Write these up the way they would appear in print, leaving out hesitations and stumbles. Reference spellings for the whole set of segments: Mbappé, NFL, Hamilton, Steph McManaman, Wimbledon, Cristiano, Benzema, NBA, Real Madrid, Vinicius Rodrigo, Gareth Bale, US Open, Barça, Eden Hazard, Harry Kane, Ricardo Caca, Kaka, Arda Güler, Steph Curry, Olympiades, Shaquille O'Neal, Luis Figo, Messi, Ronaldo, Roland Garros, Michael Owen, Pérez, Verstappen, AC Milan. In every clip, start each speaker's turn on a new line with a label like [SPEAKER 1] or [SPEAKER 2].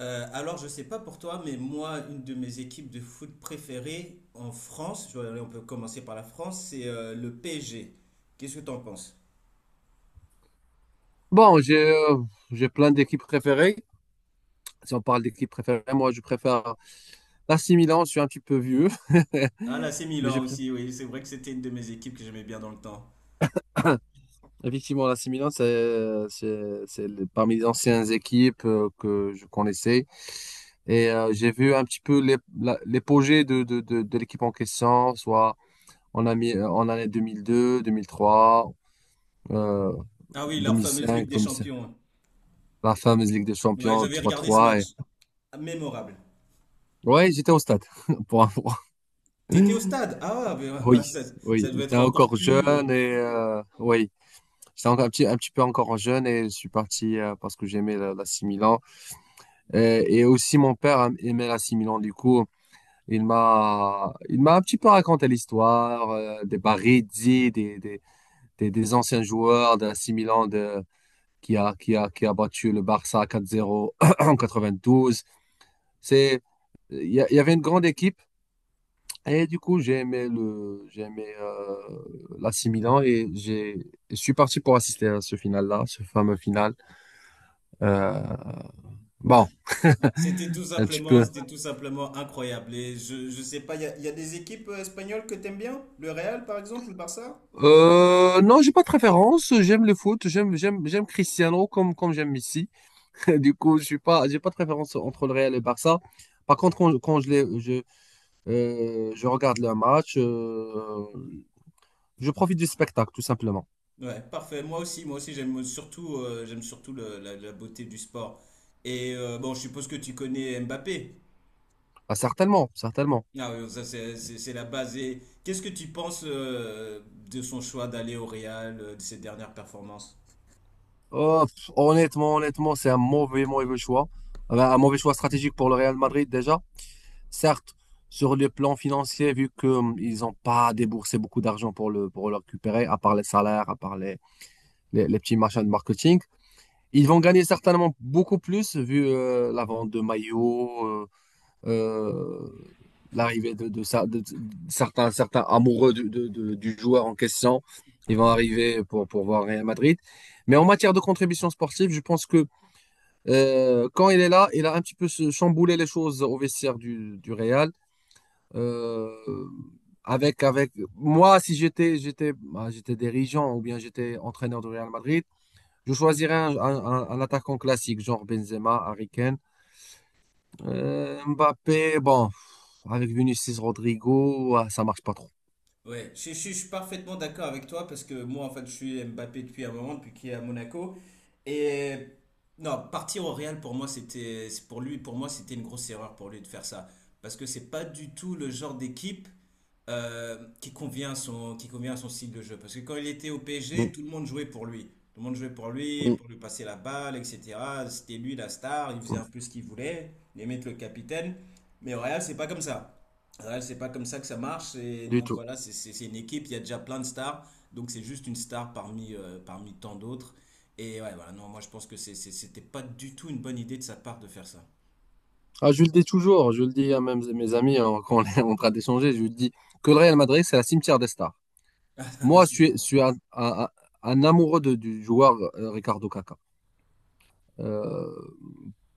[SPEAKER 1] Je sais pas pour toi, mais moi, une de mes équipes de foot préférées en France, on peut commencer par la France, c'est le PSG. Qu'est-ce que t'en penses?
[SPEAKER 2] Bon, j'ai plein d'équipes préférées. Si on parle d'équipes préférées, moi je préfère l'AC Milan, je suis un petit peu vieux.
[SPEAKER 1] Ah là, c'est
[SPEAKER 2] Mais je
[SPEAKER 1] Milan
[SPEAKER 2] préfère
[SPEAKER 1] aussi, oui, c'est vrai que c'était une de mes équipes que j'aimais bien dans le temps.
[SPEAKER 2] effectivement l'AC Milan, parmi les anciennes équipes que je connaissais. Et j'ai vu un petit peu l'épogée de l'équipe en question, soit en année 2002, 2003, euh,
[SPEAKER 1] Ah oui, leur fameuse Ligue
[SPEAKER 2] 2005,
[SPEAKER 1] des
[SPEAKER 2] 2005,
[SPEAKER 1] Champions.
[SPEAKER 2] la fameuse Ligue des
[SPEAKER 1] Ouais,
[SPEAKER 2] Champions
[SPEAKER 1] j'avais regardé ce
[SPEAKER 2] 3-3.
[SPEAKER 1] match. Ah, mémorable.
[SPEAKER 2] Ouais, j'étais au stade pour.
[SPEAKER 1] T'étais au stade? Ah,
[SPEAKER 2] Oui,
[SPEAKER 1] mais, ça
[SPEAKER 2] oui,
[SPEAKER 1] devait
[SPEAKER 2] j'étais
[SPEAKER 1] être encore
[SPEAKER 2] encore
[SPEAKER 1] plus...
[SPEAKER 2] jeune et oui, j'étais encore un petit peu encore jeune et je suis parti parce que j'aimais la 6 Milan. Et aussi mon père aimait la 6 Milan, du coup, il m'a un petit peu raconté l'histoire des Baresi, des anciens joueurs de la 6 Milan de, qui a battu le Barça 4-0 en 92. C'est, il y avait une grande équipe. Et du coup, j'ai aimé l'AC Milan et je suis parti pour assister à ce final-là, ce fameux final. Euh,
[SPEAKER 1] ouais.
[SPEAKER 2] bon, un petit peu.
[SPEAKER 1] C'était tout simplement incroyable. Et je sais pas, il y a des équipes espagnoles que t'aimes bien? Le Real, par exemple, ou le Barça?
[SPEAKER 2] Non, j'ai pas de préférence. J'aime le foot. J'aime Cristiano comme j'aime Messi. Du coup, je suis pas, j'ai pas de préférence entre le Real et le Barça. Par contre, quand je regarde le match, je profite du spectacle, tout simplement.
[SPEAKER 1] Ouais, parfait. Moi aussi, j'aime surtout la beauté du sport. Et bon, je suppose que tu connais Mbappé.
[SPEAKER 2] Ah, certainement, certainement.
[SPEAKER 1] Ah oui, ça c'est la base. Et qu'est-ce que tu penses de son choix d'aller au Real, de ses dernières performances?
[SPEAKER 2] Oh, pff, honnêtement, c'est un mauvais, mauvais choix. Un mauvais choix stratégique pour le Real Madrid déjà. Certes, sur le plan financier, vu qu'ils n'ont pas déboursé beaucoup d'argent pour le récupérer, à part les salaires, à part les petits machins de marketing, ils vont gagner certainement beaucoup plus vu la vente de maillots, euh, l'arrivée de certains amoureux du joueur en question. Ils vont arriver pour voir Real Madrid. Mais en matière de contribution sportive, je pense que quand il est là, il a un petit peu chamboulé les choses au vestiaire du Real. Euh, avec moi, si bah, j'étais dirigeant ou bien j'étais entraîneur du Real Madrid, je choisirais un attaquant classique, genre Benzema, Harry Kane, Mbappé. Bon, avec Vinicius Rodrigo, ah, ça marche pas trop.
[SPEAKER 1] Ouais, je suis parfaitement d'accord avec toi parce que moi, en fait, je suis Mbappé depuis un moment, depuis qu'il est à Monaco. Et non, partir au Real pour moi, c'était, c'est pour lui, pour moi, c'était une grosse erreur pour lui de faire ça. Parce que c'est pas du tout le genre d'équipe qui convient à son, qui convient à son style de jeu. Parce que quand il était au PSG,
[SPEAKER 2] Mm,
[SPEAKER 1] tout le monde jouait pour lui. Tout le monde jouait
[SPEAKER 2] mm,
[SPEAKER 1] pour lui passer la balle, etc. C'était lui la star, il faisait
[SPEAKER 2] mm,
[SPEAKER 1] un peu ce qu'il voulait, il aimait être le capitaine. Mais au Real, c'est pas comme ça. Ouais, c'est pas comme ça que ça marche. Et
[SPEAKER 2] du
[SPEAKER 1] donc
[SPEAKER 2] tout.
[SPEAKER 1] voilà, c'est une équipe, il y a déjà plein de stars. Donc c'est juste une star parmi, parmi tant d'autres. Et ouais, voilà, non, moi je pense que c'était pas du tout une bonne idée de sa part de faire ça.
[SPEAKER 2] Ah, je le dis toujours, je le dis à même mes amis hein, quand on est en train d'échanger, je le dis que le Real Madrid, c'est la cimetière des stars. Moi, je
[SPEAKER 1] C'est
[SPEAKER 2] suis,
[SPEAKER 1] bon
[SPEAKER 2] je
[SPEAKER 1] ça.
[SPEAKER 2] suis un amoureux du joueur Ricardo Caca.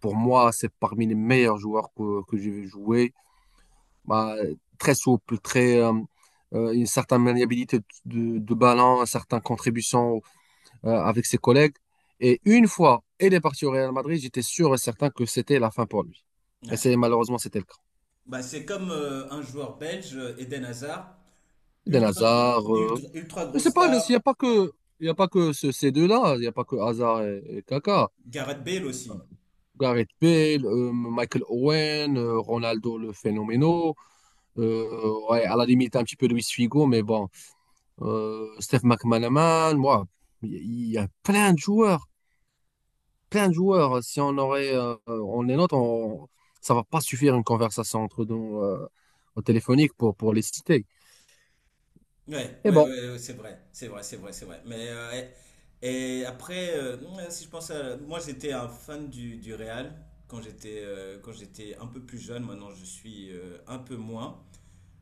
[SPEAKER 2] Pour moi, c'est parmi les meilleurs joueurs que j'ai vu jouer. Bah, très souple, une certaine maniabilité de ballon, une certaine contribution avec ses collègues. Et une fois, il est parti au Real Madrid, j'étais sûr et certain que c'était la fin pour lui. Et
[SPEAKER 1] Ouais.
[SPEAKER 2] c'est malheureusement, c'était le cas.
[SPEAKER 1] Bah, c'est comme un joueur belge, Eden Hazard,
[SPEAKER 2] Eden Hazard.
[SPEAKER 1] ultra, ultra grosse
[SPEAKER 2] C'est pas,
[SPEAKER 1] star,
[SPEAKER 2] il y a pas que ces deux-là, il n'y a pas que Hazard et Kaka.
[SPEAKER 1] Gareth Bale aussi.
[SPEAKER 2] Gareth Bale, Michael Owen, Ronaldo le phénoménal, ouais, à la limite un petit peu Luis Figo, mais bon, Steph McManaman, moi, il y a plein de joueurs, plein de joueurs. Si on aurait, on les note, ça va pas suffire une conversation entre nous au téléphonique pour les citer.
[SPEAKER 1] Ouais,
[SPEAKER 2] Et
[SPEAKER 1] ouais,
[SPEAKER 2] bon,
[SPEAKER 1] ouais, ouais, c'est vrai, c'est vrai, c'est vrai, c'est vrai. Mais et, et après, ouais, si je pense à, moi j'étais un fan du Real quand j'étais un peu plus jeune. Maintenant je suis un peu moins.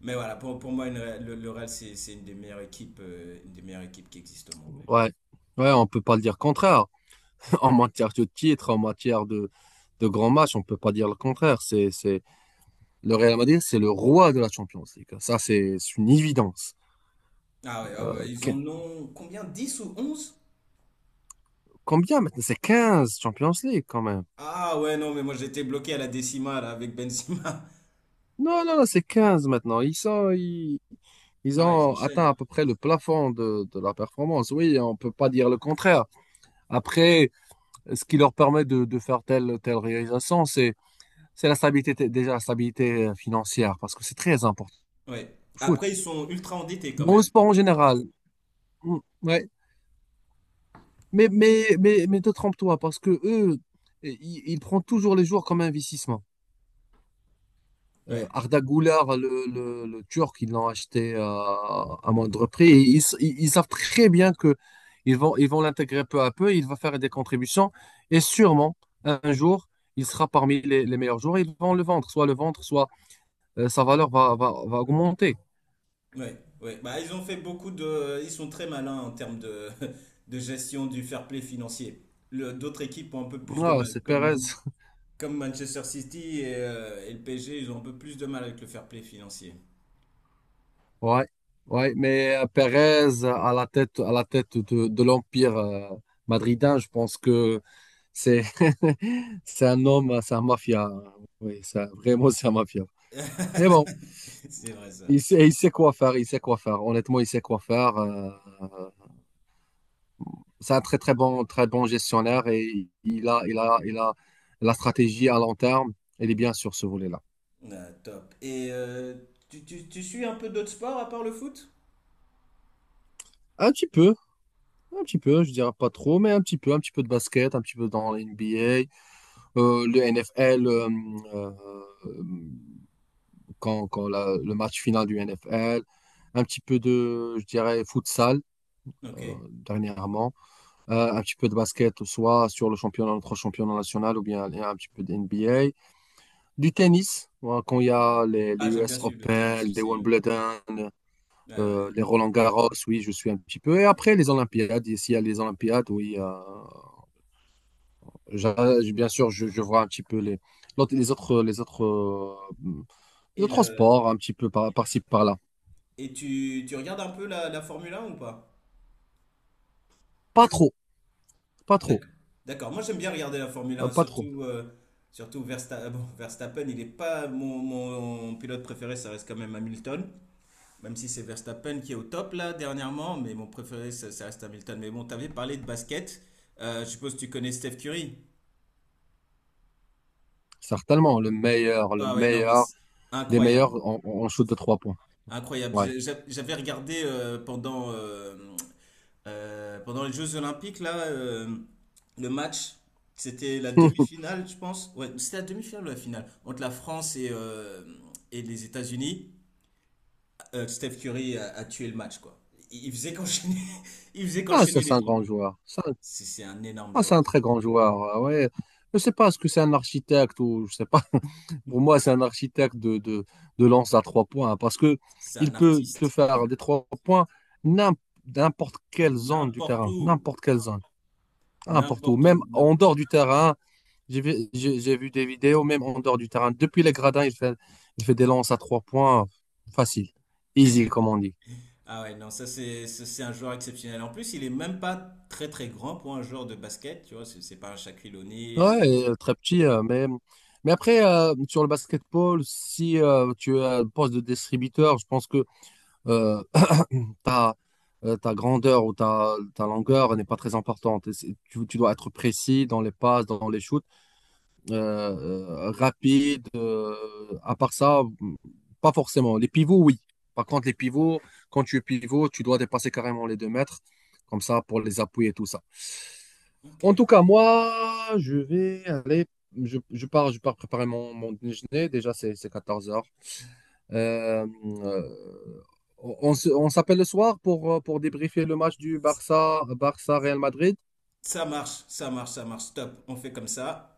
[SPEAKER 1] Mais voilà, pour moi le Real c'est une des meilleures équipes une des meilleures équipes qui existent au monde. Ouais.
[SPEAKER 2] ouais, ouais, on peut pas le dire contraire. En matière de titre, en matière de grands matchs, on ne peut pas dire le contraire. Le Real Madrid, c'est le roi de la Champions League. Ça, c'est une évidence.
[SPEAKER 1] Ah ouais, ah ouais, ils en
[SPEAKER 2] Qu-
[SPEAKER 1] ont combien? Dix ou onze?
[SPEAKER 2] Combien maintenant? C'est 15 Champions League quand même.
[SPEAKER 1] Ah ouais, non, mais moi j'étais bloqué à la décimale avec Benzema.
[SPEAKER 2] Non, non, non, c'est 15 maintenant. Ils
[SPEAKER 1] Ah, ils
[SPEAKER 2] ont atteint
[SPEAKER 1] enchaînent.
[SPEAKER 2] à peu près le plafond de la performance. Oui, on ne peut pas dire le contraire. Après, ce qui leur permet de faire telle réalisation, c'est déjà la stabilité financière, parce que c'est très important.
[SPEAKER 1] Ouais.
[SPEAKER 2] Foot.
[SPEAKER 1] Après, ils sont ultra endettés quand
[SPEAKER 2] Dans le
[SPEAKER 1] même.
[SPEAKER 2] sport en général, ouais. Mais te trompe-toi, parce que eux, i- ils prennent toujours les joueurs comme investissement.
[SPEAKER 1] Ouais.
[SPEAKER 2] Arda Güler, le Turc, ils l'ont acheté à moindre prix. Et ils savent très bien que ils vont l'intégrer peu à peu, il va faire des contributions. Et sûrement, un jour, il sera parmi les meilleurs joueurs. Ils vont le vendre, soit sa valeur va augmenter.
[SPEAKER 1] Ouais, ouais. Bah, ils ont fait beaucoup de. Ils sont très malins en termes de, de gestion du fair play financier. D'autres équipes ont un peu plus de
[SPEAKER 2] Ah,
[SPEAKER 1] mal,
[SPEAKER 2] c'est
[SPEAKER 1] comme,
[SPEAKER 2] Perez.
[SPEAKER 1] Comme Manchester City et le PSG, ils ont un peu plus de mal avec le fair play financier.
[SPEAKER 2] Ouais, ouais, mais Pérez à la tête de l'Empire madridin, je pense que c'est c'est un homme, c'est un mafia. Oui, ça, vraiment, c'est un mafia. Mais bon,
[SPEAKER 1] C'est vrai ça.
[SPEAKER 2] il sait quoi faire, il sait quoi faire. Honnêtement, il sait quoi faire. Euh, c'est un très, très bon gestionnaire et il a la stratégie à long terme. Elle est bien sur ce volet-là.
[SPEAKER 1] Ah, top. Et tu suis un peu d'autres sports à part le foot?
[SPEAKER 2] Un petit peu, un petit peu, je dirais pas trop, mais un petit peu de basket, un petit peu dans la NBA. Le NFL, euh, quand, le match final du NFL, un petit peu de, je dirais, futsal
[SPEAKER 1] Ok.
[SPEAKER 2] dernièrement, un petit peu de basket, soit sur le championnat, notre championnat national, ou bien un petit peu de NBA, du tennis, voilà, quand il y a les
[SPEAKER 1] Ah, j'aime bien
[SPEAKER 2] US
[SPEAKER 1] suivre le tennis
[SPEAKER 2] Open, les
[SPEAKER 1] aussi. Ouais.
[SPEAKER 2] Wimbledon,
[SPEAKER 1] Ouais, ouais.
[SPEAKER 2] les Roland Garros, oui, je suis un petit peu. Et après, les Olympiades, s'il y a les Olympiades, oui, j'a- bien sûr, je vois un petit peu les autres
[SPEAKER 1] Et,
[SPEAKER 2] de
[SPEAKER 1] le,
[SPEAKER 2] transport, un petit peu par-ci, par-là.
[SPEAKER 1] et tu, tu regardes un peu la Formule 1 ou pas?
[SPEAKER 2] Pas trop, pas trop,
[SPEAKER 1] D'accord. D'accord. Moi, j'aime bien regarder la Formule un,
[SPEAKER 2] pas trop.
[SPEAKER 1] surtout, surtout bon, Verstappen. Il n'est pas mon, mon pilote préféré, ça reste quand même Hamilton. Même si c'est Verstappen qui est au top là dernièrement, mais mon préféré, ça reste Hamilton. Mais bon, t'avais parlé de basket. Je suppose que tu connais Steph Curry.
[SPEAKER 2] Certainement, le
[SPEAKER 1] Ah ouais, non, mais
[SPEAKER 2] meilleur,
[SPEAKER 1] c'est
[SPEAKER 2] des
[SPEAKER 1] incroyable.
[SPEAKER 2] meilleurs en shoot de trois points.
[SPEAKER 1] Incroyable.
[SPEAKER 2] Ouais.
[SPEAKER 1] J'avais regardé pendant les Jeux Olympiques, là, le match. C'était la demi-finale, je pense. Ouais, c'était la demi-finale ou la finale? Entre la France et et les États-Unis. Steph Curry a tué le match, quoi. Il faisait qu'enchaîner, il faisait
[SPEAKER 2] Ah, ça,
[SPEAKER 1] qu'enchaîner
[SPEAKER 2] c'est
[SPEAKER 1] les
[SPEAKER 2] un
[SPEAKER 1] trois
[SPEAKER 2] grand
[SPEAKER 1] points.
[SPEAKER 2] joueur. Ça.
[SPEAKER 1] C'est un énorme
[SPEAKER 2] Ah,
[SPEAKER 1] joueur.
[SPEAKER 2] c'est un très grand joueur. Ah, ouais. Je sais pas, est-ce que c'est un architecte ou je sais pas. Pour moi, c'est un architecte de lance à trois points hein, parce que
[SPEAKER 1] C'est
[SPEAKER 2] il
[SPEAKER 1] un
[SPEAKER 2] peut te
[SPEAKER 1] artiste.
[SPEAKER 2] faire des trois points n'im- n'importe quelle zone du
[SPEAKER 1] N'importe
[SPEAKER 2] terrain,
[SPEAKER 1] où.
[SPEAKER 2] n'importe quelle zone, n'importe où,
[SPEAKER 1] N'importe
[SPEAKER 2] même
[SPEAKER 1] où.
[SPEAKER 2] en dehors du terrain. J'ai vu des vidéos, même en dehors du terrain. Depuis les gradins, il fait des lances à trois points facile, easy, comme on dit.
[SPEAKER 1] Ah ouais, non, ça c'est un joueur exceptionnel. En plus, il est même pas très très grand pour un joueur de basket, tu vois, c'est pas un Shaquille O'Neal
[SPEAKER 2] Ouais,
[SPEAKER 1] ou...
[SPEAKER 2] et, très petit, mais après, sur le basketball, si tu as le poste de distributeur, je pense que euh, ta, ta grandeur ou ta longueur n'est pas très importante. Et tu dois être précis dans les passes, dans les shoots, rapide. À part ça, pas forcément. Les pivots, oui. Par contre, les pivots, quand tu es pivot, tu dois dépasser carrément les 2 mètres, comme ça, pour les appuyer et tout ça.
[SPEAKER 1] Ok.
[SPEAKER 2] En tout cas, moi, je vais aller, je pars préparer mon déjeuner. Déjà, c'est 14 heures. Euh, euh, on on s'appelle le soir pour débriefer le match du Barça, Barça Real Madrid.
[SPEAKER 1] Ça marche, ça marche, ça marche, stop, on fait comme ça.